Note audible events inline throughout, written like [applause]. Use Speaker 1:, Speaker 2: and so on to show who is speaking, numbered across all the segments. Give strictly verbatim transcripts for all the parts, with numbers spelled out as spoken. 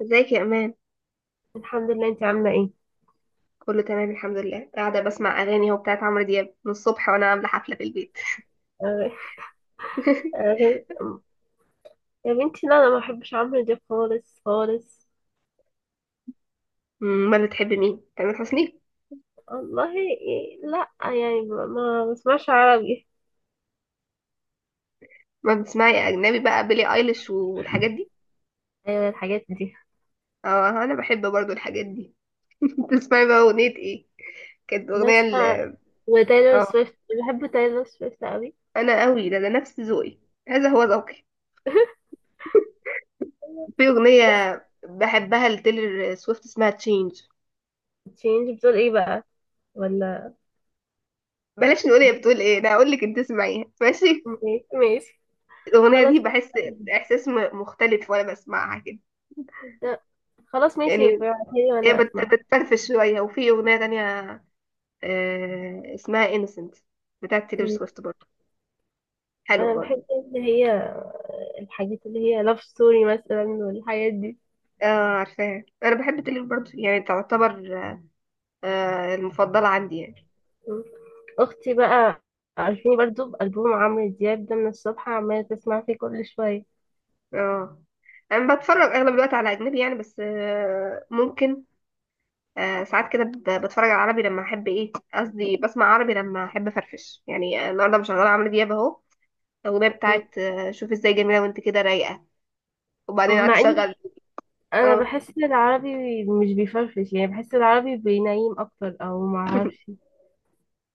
Speaker 1: ازيك يا امان؟
Speaker 2: الحمد لله، انت عامله ايه؟
Speaker 1: كله تمام الحمد لله، قاعده بسمع اغاني اهو بتاعت عمرو دياب من الصبح وانا عامله حفله في البيت.
Speaker 2: آه،
Speaker 1: [laughs]
Speaker 2: آه، يا بنتي لا، انا ما بحبش عمرو دياب خالص خالص.
Speaker 1: أمم، ما بتحب مين؟ تامر حسني؟
Speaker 2: والله إيه، لا يعني ما ما بسمعش عربي.
Speaker 1: ما بتسمعي اجنبي بقى؟ بيلي ايليش والحاجات دي؟
Speaker 2: ايوه الحاجات دي.
Speaker 1: اه، انا بحب برضو الحاجات دي. [laughs] تسمعي بقى اغنيه ايه؟ كانت اغنيه ال
Speaker 2: بسمع وتايلور
Speaker 1: اه
Speaker 2: سويفت. بحب تايلور سويفت قوي.
Speaker 1: انا قوي، ده ده نفس ذوقي. هذا هو ذوقي.
Speaker 2: [laughs]
Speaker 1: في اغنيه
Speaker 2: بس
Speaker 1: بحبها لتيلر سويفت اسمها تشينج.
Speaker 2: تشينج بتقول ايه بقى؟ ولا
Speaker 1: بلاش نقول هي بتقول ايه، انا هقول لك، انت اسمعيها ماشي؟
Speaker 2: ماشي ماشي.
Speaker 1: الاغنيه
Speaker 2: خلاص.
Speaker 1: دي بحس احساس م- مختلف وانا بسمعها كده.
Speaker 2: لا، خلاص ماشي
Speaker 1: يعني
Speaker 2: ابعتيلي
Speaker 1: هي
Speaker 2: وانا
Speaker 1: بت-
Speaker 2: اسمع.
Speaker 1: بتفرفش شوية. وفي أغنية تانية آه، اسمها انسنت بتاعت تيلور
Speaker 2: مم.
Speaker 1: سويفت برضه. حلوة
Speaker 2: انا
Speaker 1: برضه.
Speaker 2: بحب اللي هي الحاجات اللي هي لاف ستوري مثلا والحاجات دي.
Speaker 1: اه، عارفاها. أنا بحب تيلور برضه، يعني تعتبر آه، المفضلة عندي يعني.
Speaker 2: اختي بقى عارفيني برضو بألبوم عمرو دياب ده من الصبح عمالة تسمع فيه كل شوية.
Speaker 1: اه. أنا بتفرج أغلب الوقت على أجنبي يعني، بس آه، ممكن آه، ساعات كده ب- بتفرج على عربي لما أحب، إيه قصدي، بسمع عربي لما أحب أفرفش. يعني النهاردة مشغلة عمرو دياب أهو. الأغنية
Speaker 2: م-
Speaker 1: بتاعت آه، شوف إزاي، جميلة وأنت كده رايقة. وبعدين قعدت
Speaker 2: مع اني
Speaker 1: أشغل.
Speaker 2: انا
Speaker 1: اه.
Speaker 2: بحس العربي مش بيفرفش، يعني بحس العربي بينيم اكتر او معرفش.
Speaker 1: [laughs]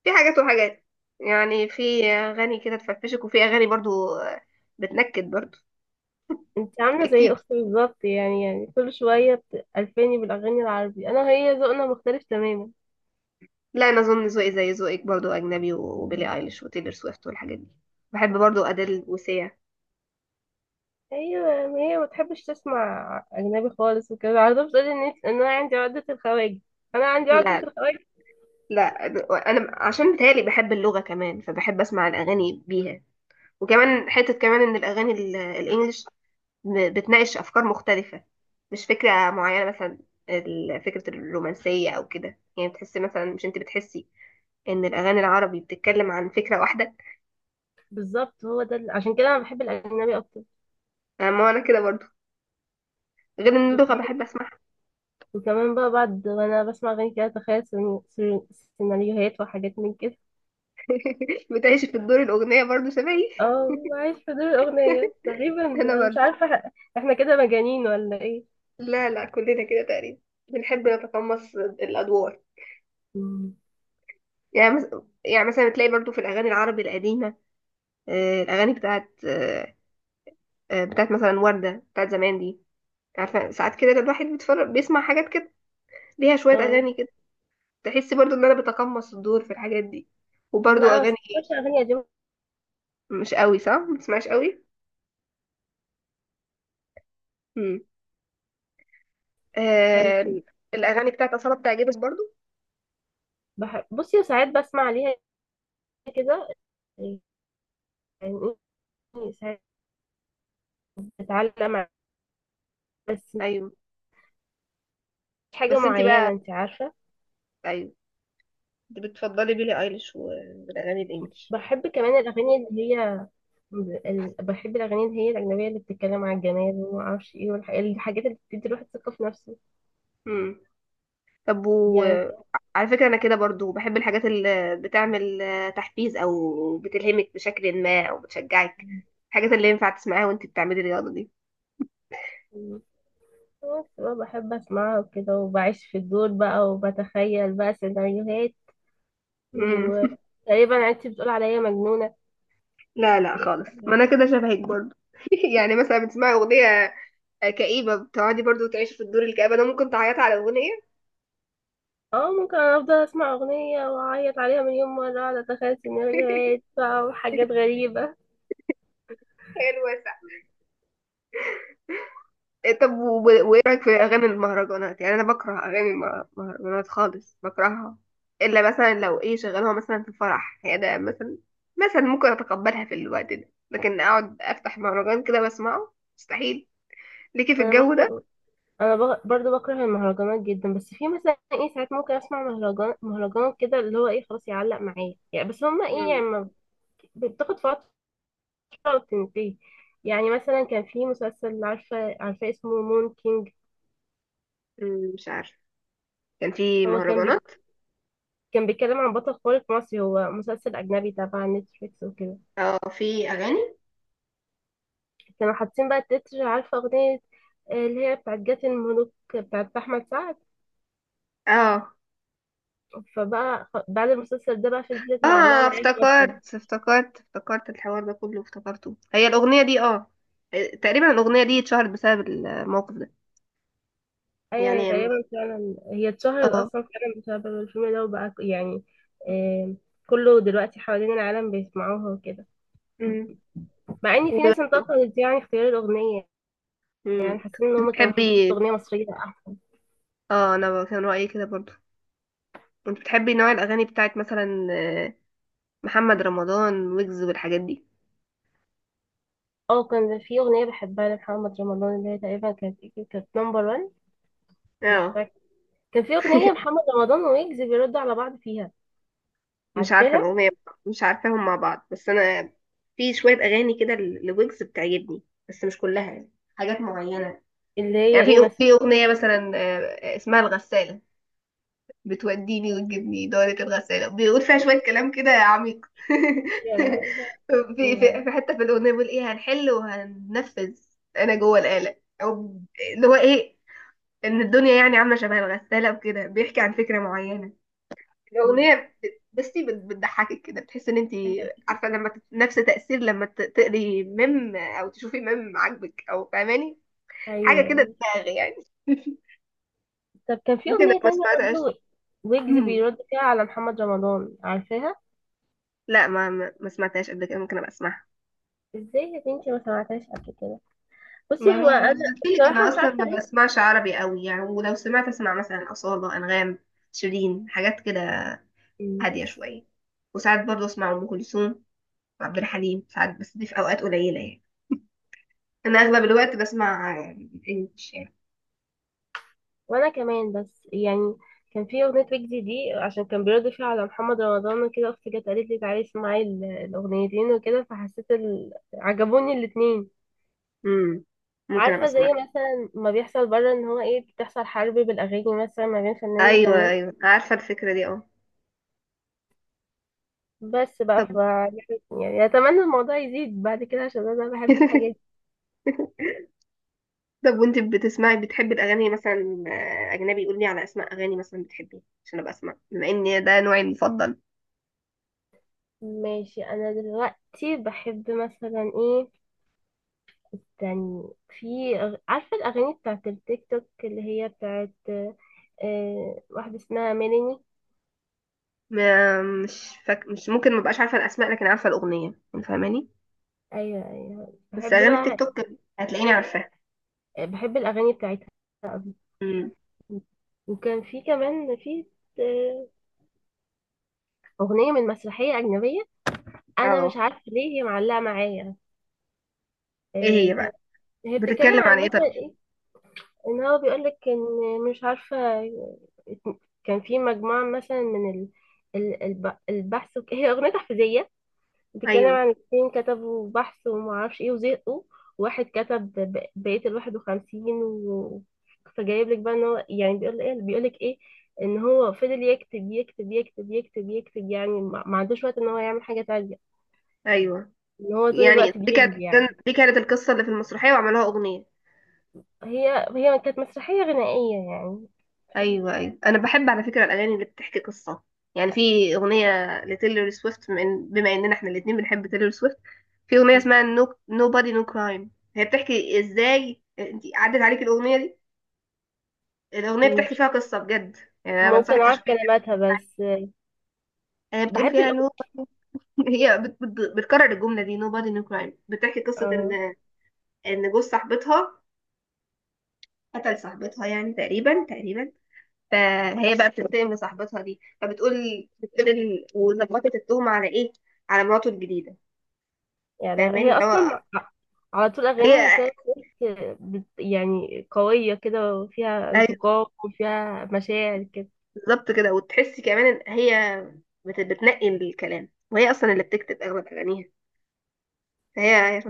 Speaker 1: في حاجات وحاجات، يعني في اغاني كده تفرفشك وفي اغاني برضو بتنكد برضو،
Speaker 2: انت عاملة زي
Speaker 1: تبكيكي.
Speaker 2: اختي بالظبط، يعني يعني كل شوية بتألفاني بالاغاني العربي، انا هي ذوقنا مختلف تماما.
Speaker 1: لا، انا اظن ذوقي زي ذوقك برضو، اجنبي وبيلي
Speaker 2: مم.
Speaker 1: ايليش وتيلر سويفت والحاجات دي. بحب برضو ادل وسيا.
Speaker 2: ايوه، ما هي ما بتحبش تسمع اجنبي خالص وكده على طول بتقولي ان إنت- ان انا عندي عقدة الخواجة. انا عندي عقدة
Speaker 1: لا،
Speaker 2: الخواجة.
Speaker 1: لا، انا عشان بتهيألي بحب اللغة كمان، فبحب اسمع الاغاني بيها. وكمان حتة كمان ان الاغاني ال- الانجليش ب- بتناقش افكار مختلفة، مش فكرة معينة، مثلا ال- فكرة الرومانسية او كده. يعني بتحسي مثلا، مش انت بتحسي ان الاغاني العربي بتتكلم عن فكره واحده؟
Speaker 2: بالظبط، هو ده ال- عشان كده انا بحب الاجنبي اكتر.
Speaker 1: آه، ما انا كده برضو، غير ان اللغه بحب اسمعها.
Speaker 2: وكمان بقى بعد وانا بسمع اغاني كده اتخيل سيناريو- سيناريو- سيناريوهات وحاجات من كده.
Speaker 1: [laughs] بتعيش في الدور الاغنيه برضو شبهي.
Speaker 2: اه، عايش في دور الاغنية تقريبا.
Speaker 1: انا
Speaker 2: مش
Speaker 1: برضو.
Speaker 2: عارفة احنا كده مجانين ولا ايه؟
Speaker 1: لا، لا، كلنا كده تقريبا، بنحب نتقمص الادوار.
Speaker 2: مم.
Speaker 1: يعني مث- يعني مثلا تلاقي برضو في الاغاني العربي القديمه، آه، الاغاني بتاعت آه، آه، بتاعت مثلا ورده بتاعت زمان دي. عارفه، ساعات كده الواحد بيتفرج بيسمع حاجات كده، ليها شويه
Speaker 2: اه.
Speaker 1: اغاني كده. تحس برضو ان انا بتقمص الدور في الحاجات دي.
Speaker 2: لا
Speaker 1: وبرضو
Speaker 2: انا ما
Speaker 1: اغاني.
Speaker 2: بسمعش اغاني قديمة.
Speaker 1: مش قوي صح؟ ما بتسمعش قوي.
Speaker 2: طيب.
Speaker 1: آه. الاغاني بتاعت اصاله بتعجبك برضو؟
Speaker 2: بح... بصي ساعات بسمع عليها كده يعني، إيه، ساعات بتعلم ع- بس مش
Speaker 1: ايوه.
Speaker 2: حاجة
Speaker 1: بس انت بقى،
Speaker 2: معينة انت عارفة.
Speaker 1: ايوه، انت بتفضلي بيلي ايليش والاغاني الانجليش.
Speaker 2: بحب كمان الأغاني اللي هي ال- بحب الأغاني اللي هي الأجنبية اللي بتتكلم عن الجمال وما أعرفش إيه والحاجات اللي بتدي الواحد ثقة في نفسه،
Speaker 1: امم طب، و...
Speaker 2: يعني.
Speaker 1: على فكره، انا كده برضو بحب الحاجات اللي بتعمل آه، تحفيز، او بتلهمك بشكل ما، او بتشجعك. الحاجات اللي ينفع تسمعيها وانت بتعملي رياضه دي.
Speaker 2: كان- بس بقى بحب اسمعها وكده وبعيش في الدور بقى وبتخيل بقى سيناريوهات.
Speaker 1: امم [laughs]
Speaker 2: وتقريبا انت بتقول عليا مجنونة.
Speaker 1: لا، لا خالص، ما انا كده شبهك برضو. [laughs] يعني مثلا بتسمعي اغنيه كئيبه، بتقعدي برضو تعيشي في الدور الكئيب. انا ممكن تعيطي على اغنيه.
Speaker 2: اه ممكن. أنا افضل اسمع اغنية واعيط عليها مليون مرة، اقعد اتخيل سيناريوهات
Speaker 1: [laughs]
Speaker 2: بقى وحاجات غريبة.
Speaker 1: حلوه. إيه طب، و- و- وايه رايك في اغاني المهرجانات؟ يعني انا بكره اغاني المهرجانات خالص، بكرهها. الا مثلا لو ايه، شغلوها مثلا في فرح هي ده، مثلا مثلا ممكن اتقبلها في الوقت ده، لكن اقعد افتح مهرجان كده واسمعه مستحيل، ليكي في
Speaker 2: انا
Speaker 1: الجو ده.
Speaker 2: برضو. انا بق- برضو بكره المهرجانات جدا، بس في مثلا ايه، ساعات ممكن اسمع مهرجان مهرجان كده اللي هو ايه، خلاص يعلق معايا يعني، بس هما ايه يعني
Speaker 1: مم.
Speaker 2: ما- بت- بتاخد فترة تنتهي. يعني مثلا كان في مسلسل، عارفة عارفة اسمه مون كينج.
Speaker 1: مم، مش عارفه. كان في
Speaker 2: هو كان
Speaker 1: مهرجانات؟
Speaker 2: بي كان بيتكلم عن بطل خارق مصري، هو مسلسل أجنبي تبع نتفليكس وكده.
Speaker 1: اه في اغاني.
Speaker 2: كانوا حاطين بقى التتر، عارفة أغنية آه، اللي هي بتاعت جات الملوك بتاعت أحمد سعد؟
Speaker 1: اه،
Speaker 2: فبقى خ- بعد المسلسل ده بقى فضلت معلقة
Speaker 1: اه،
Speaker 2: معايا فترة.
Speaker 1: افتكرت افتكرت افتكرت الحوار ده كله، افتكرته. هي الاغنيه دي اه، تقريبا الاغنيه دي اتشهرت بسبب الموقف ده.
Speaker 2: أيوة، هي
Speaker 1: يعني.
Speaker 2: تقريبا فعلا هي اتشهرت
Speaker 1: اه.
Speaker 2: أصلا فعلا بسبب الفيلم ده، وبقى ك- يعني آه، كله دلوقتي حوالين العالم بيسمعوها وكده.
Speaker 1: مم.
Speaker 2: مع إن في
Speaker 1: وب-
Speaker 2: ناس انتقدت يعني اختيار الأغنية،
Speaker 1: مم.
Speaker 2: يعني حاسين ان هم كان المفروض يحطوا
Speaker 1: بتحبي؟
Speaker 2: اغنيه مصريه احسن.
Speaker 1: اه، انا ب- كان رأيي كده برضو. انت بتحبي نوع الاغاني بتاعت مثلا آه، محمد رمضان، ويجز والحاجات دي؟
Speaker 2: اه، كان في اغنيه بحبها لمحمد رمضان اللي هي تقريبا كانت إيه؟ كانت نمبر واحد. مش
Speaker 1: اه
Speaker 2: فاكره. كان في اغنيه محمد رمضان ويجز بيردوا على بعض فيها.
Speaker 1: مش عارفه
Speaker 2: عارفاها؟
Speaker 1: الاغنيه. مش عارفاهم مع بعض، بس انا في شويه اغاني كده ل- لويجز بتعجبني، بس مش كلها يعني، حاجات معينه.
Speaker 2: اللي هي
Speaker 1: يعني
Speaker 2: ايه
Speaker 1: في
Speaker 2: مثلا،
Speaker 1: في اغنيه مثلا آه، اسمها الغسالة. بتوديني وتجيبني دورة الغسالة، بيقول فيها شوية كلام كده عميق. [laughs]
Speaker 2: ولا
Speaker 1: في في
Speaker 2: ما-
Speaker 1: في حتة في الأغنية بيقول، إيه، هنحل وهننفذ أنا جوه الآلة، أو اللي هو إيه، إن الدنيا يعني عاملة شبه الغسالة وكده، بيحكي عن فكرة معينة. الأغنية بت- بصي بت- بتضحكك كده، بتحس إن أنت عارفة لما تت- نفس تأثير لما ت- تقري ميم، أو تشوفي ميم عاجبك، أو فاهماني؟ حاجة كده
Speaker 2: ايوه.
Speaker 1: دماغ يعني. [laughs]
Speaker 2: طب كان في
Speaker 1: ممكن لو
Speaker 2: اغنيه
Speaker 1: ما
Speaker 2: تانية
Speaker 1: سمعتهاش.
Speaker 2: برضه ويجز بيرد فيها على محمد رمضان، عارفاها؟
Speaker 1: لا، ما ما ما سمعتهاش قبل كده، ممكن ابقى اسمعها.
Speaker 2: ازاي يا بنتي ما سمعتهاش قبل كده؟
Speaker 1: ما
Speaker 2: بصي
Speaker 1: انا
Speaker 2: هو
Speaker 1: ما انا
Speaker 2: انا
Speaker 1: مم. قلت لك
Speaker 2: بصراحه
Speaker 1: انا
Speaker 2: مش
Speaker 1: اصلا
Speaker 2: عارفه
Speaker 1: ما
Speaker 2: ليه.
Speaker 1: بسمعش عربي قوي يعني، ولو سمعت اسمع مثلا اصالة، انغام، شيرين، حاجات كده
Speaker 2: مم.
Speaker 1: هاديه شويه. وساعات برضه اسمع ام كلثوم وعبد الحليم ساعات، بس دي في اوقات قليله يعني. انا اغلب الوقت بسمع انجلش يعني.
Speaker 2: وانا كمان، بس يعني كان في اغنيه ويجز دي عشان كان بيرد فيها على محمد رمضان وكده، اختي جت قالت لي تعالي اسمعي ال- الاغنيتين وكده، فحسيت ال... عجبوني الاتنين.
Speaker 1: امم ممكن ابقى
Speaker 2: عارفه
Speaker 1: اسمع.
Speaker 2: زي مثلا ما بيحصل بره ان هو ايه بتحصل حرب بالاغاني مثلا ما بين فنان
Speaker 1: ايوه،
Speaker 2: وفنان.
Speaker 1: ايوه، عارفه الفكره دي اه.
Speaker 2: بس بقى
Speaker 1: طب.
Speaker 2: ف يعني اتمنى الموضوع يزيد بعد كده عشان انا بحب
Speaker 1: [laughs]
Speaker 2: الحاجات
Speaker 1: طب، وانت بتسمعي بتحبي الاغاني مثلا آه، اجنبي، قولي على اسماء اغاني مثلا بتحبيها عشان ابقى اسمع، بما ان ده نوعي المفضل.
Speaker 2: دي. ماشي. انا دلوقتي بحب مثلا ايه تاني، في أغ- عارفة الأغاني بتاعت التيك توك اللي هي بتاعت آه، واحدة اسمها ميلاني.
Speaker 1: م- مش فاك... مش ممكن، ما بقاش عارفه الاسماء، لكن عارفه الاغنيه، انت فاهماني.
Speaker 2: أيوة أيوة،
Speaker 1: بس
Speaker 2: بحب
Speaker 1: اغاني التيك
Speaker 2: بقى.
Speaker 1: توك هتلاقيني عارفاها.
Speaker 2: بحب الأغاني بتاعتها.
Speaker 1: امم
Speaker 2: وكان في كمان في آه، أغنية من مسرحية أجنبية، أنا مش
Speaker 1: اه.
Speaker 2: عارفة ليه هي معلقة معايا.
Speaker 1: ايه
Speaker 2: آه،
Speaker 1: هي
Speaker 2: كانت
Speaker 1: بقى؟
Speaker 2: هي بتتكلم
Speaker 1: بتتكلم عن
Speaker 2: عن
Speaker 1: ايه
Speaker 2: مثلا
Speaker 1: طب؟
Speaker 2: إيه، إن هو بيقولك إن مش عارفة، كان في مجموعة مثلا من ال- ال- الب- البحث وك- هي أغنية تحفيزية بتتكلم
Speaker 1: ايوه،
Speaker 2: عن اتنين كتبوا بحث ومعرفش ايه وزهقوا. واحد كتب ب- بقية الواحد وخمسين و... فجايب لك بقى ان هو يعني بيقول ايه، بيقول لك ايه، ان هو فضل يكتب يكتب يكتب يكتب يكتب، يعني ما ما عندوش وقت ان هو يعمل حاجة تانية،
Speaker 1: ايوه،
Speaker 2: ان هو طول
Speaker 1: يعني
Speaker 2: الوقت
Speaker 1: دي كانت
Speaker 2: بيجري يعني.
Speaker 1: دي كانت القصه اللي في المسرحيه وعملوها اغنيه؟
Speaker 2: هي هي كانت مسرحية غنائية يعني.
Speaker 1: ايوه، ايوه، انا بحب على فكره الاغاني اللي بتحكي قصه. يعني في اغنيه لتيلر سويفت، بما إن- بما اننا احنا الاثنين بنحب تيلر سويفت. في اغنيه اسمها نو نو بادي نو كرايم، هي بتحكي. ازاي انت عدت عليك الاغنيه دي؟ الأغنية بتحكي
Speaker 2: مش
Speaker 1: فيها قصة بجد، يعني أنا
Speaker 2: ممكن
Speaker 1: بنصحك
Speaker 2: اعرف
Speaker 1: تشوفيها.
Speaker 2: كلماتها بس،
Speaker 1: هي بتقول
Speaker 2: بحب
Speaker 1: فيها نو.
Speaker 2: الأغنية.
Speaker 1: [laughs] هي بت... بت... بتكرر الجملة دي nobody no crime. بتحكي قصة إن
Speaker 2: آه.
Speaker 1: إن جوز صاحبتها قتل صاحبتها، يعني تقريبا تقريبا. فهي بقى بتنتقم لصاحبتها دي، فبتقول بتقول إن- وظبطت التهمة على إيه؟ على مراته الجديدة.
Speaker 2: يعني ده- هي
Speaker 1: فاهماني؟ فهو
Speaker 2: اصلا على طول
Speaker 1: هي
Speaker 2: اغاني تايلور سويفت بت- يعني قويه كده وفيها
Speaker 1: أيوة،
Speaker 2: انتقام وفيها مشاعر كده.
Speaker 1: بالظبط كده. وتحسي كمان إن هي بت... بتنقي الكلام، وهي أصلا اللي بتكتب أغلب أغانيها. فهي،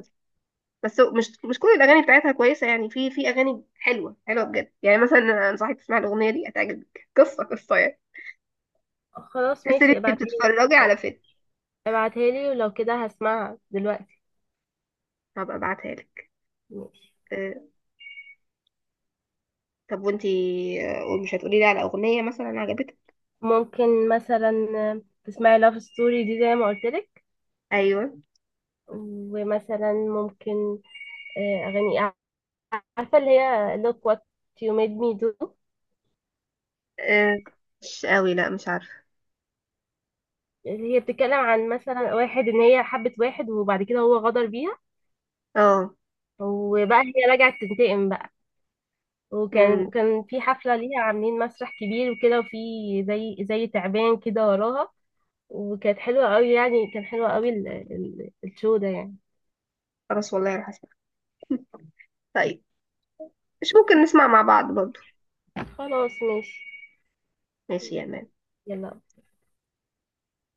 Speaker 1: بس هو- مش مش كل الاغاني بتاعتها كويسه يعني، في في اغاني حلوه حلوه بجد، يعني مثلا انا انصحك تسمعي الاغنيه دي هتعجبك، قصه قصه يعني.
Speaker 2: خلاص
Speaker 1: تحسي ان
Speaker 2: ماشي،
Speaker 1: انت
Speaker 2: ابعتها لي.
Speaker 1: بتتفرجي على فيلم.
Speaker 2: ابعتها لي ولو كده هسمعها دلوقتي.
Speaker 1: هبقى ابعتها لك.
Speaker 2: ماشي.
Speaker 1: أه. طب، وانتي آه، مش هتقولي لي على اغنيه مثلا عجبتك؟
Speaker 2: ممكن مثلا تسمعي لاف ستوري دي زي ما قلت لك.
Speaker 1: ايوه.
Speaker 2: ومثلا ممكن آه، اغاني، عارفه اللي هي look what you made me do.
Speaker 1: أه مش قوي، لا، مش عارفه.
Speaker 2: هي بتتكلم عن مثلا واحد، ان هي حبت واحد وبعد كده هو غدر بيها،
Speaker 1: اه.
Speaker 2: وبقى هي رجعت تنتقم بقى.
Speaker 1: امم
Speaker 2: وكان كان في حفلة ليها عاملين مسرح كبير وكده، وفي زي زي تعبان كده وراها، وكانت حلوة قوي، يعني كان حلوة قوي ال- ال- الشو ده يعني.
Speaker 1: خلاص والله، راح اسمع. [laughs] طيب، مش ممكن نسمع مع بعض برضو؟
Speaker 2: خلاص ماشي.
Speaker 1: ماشي يا مان.
Speaker 2: يلا.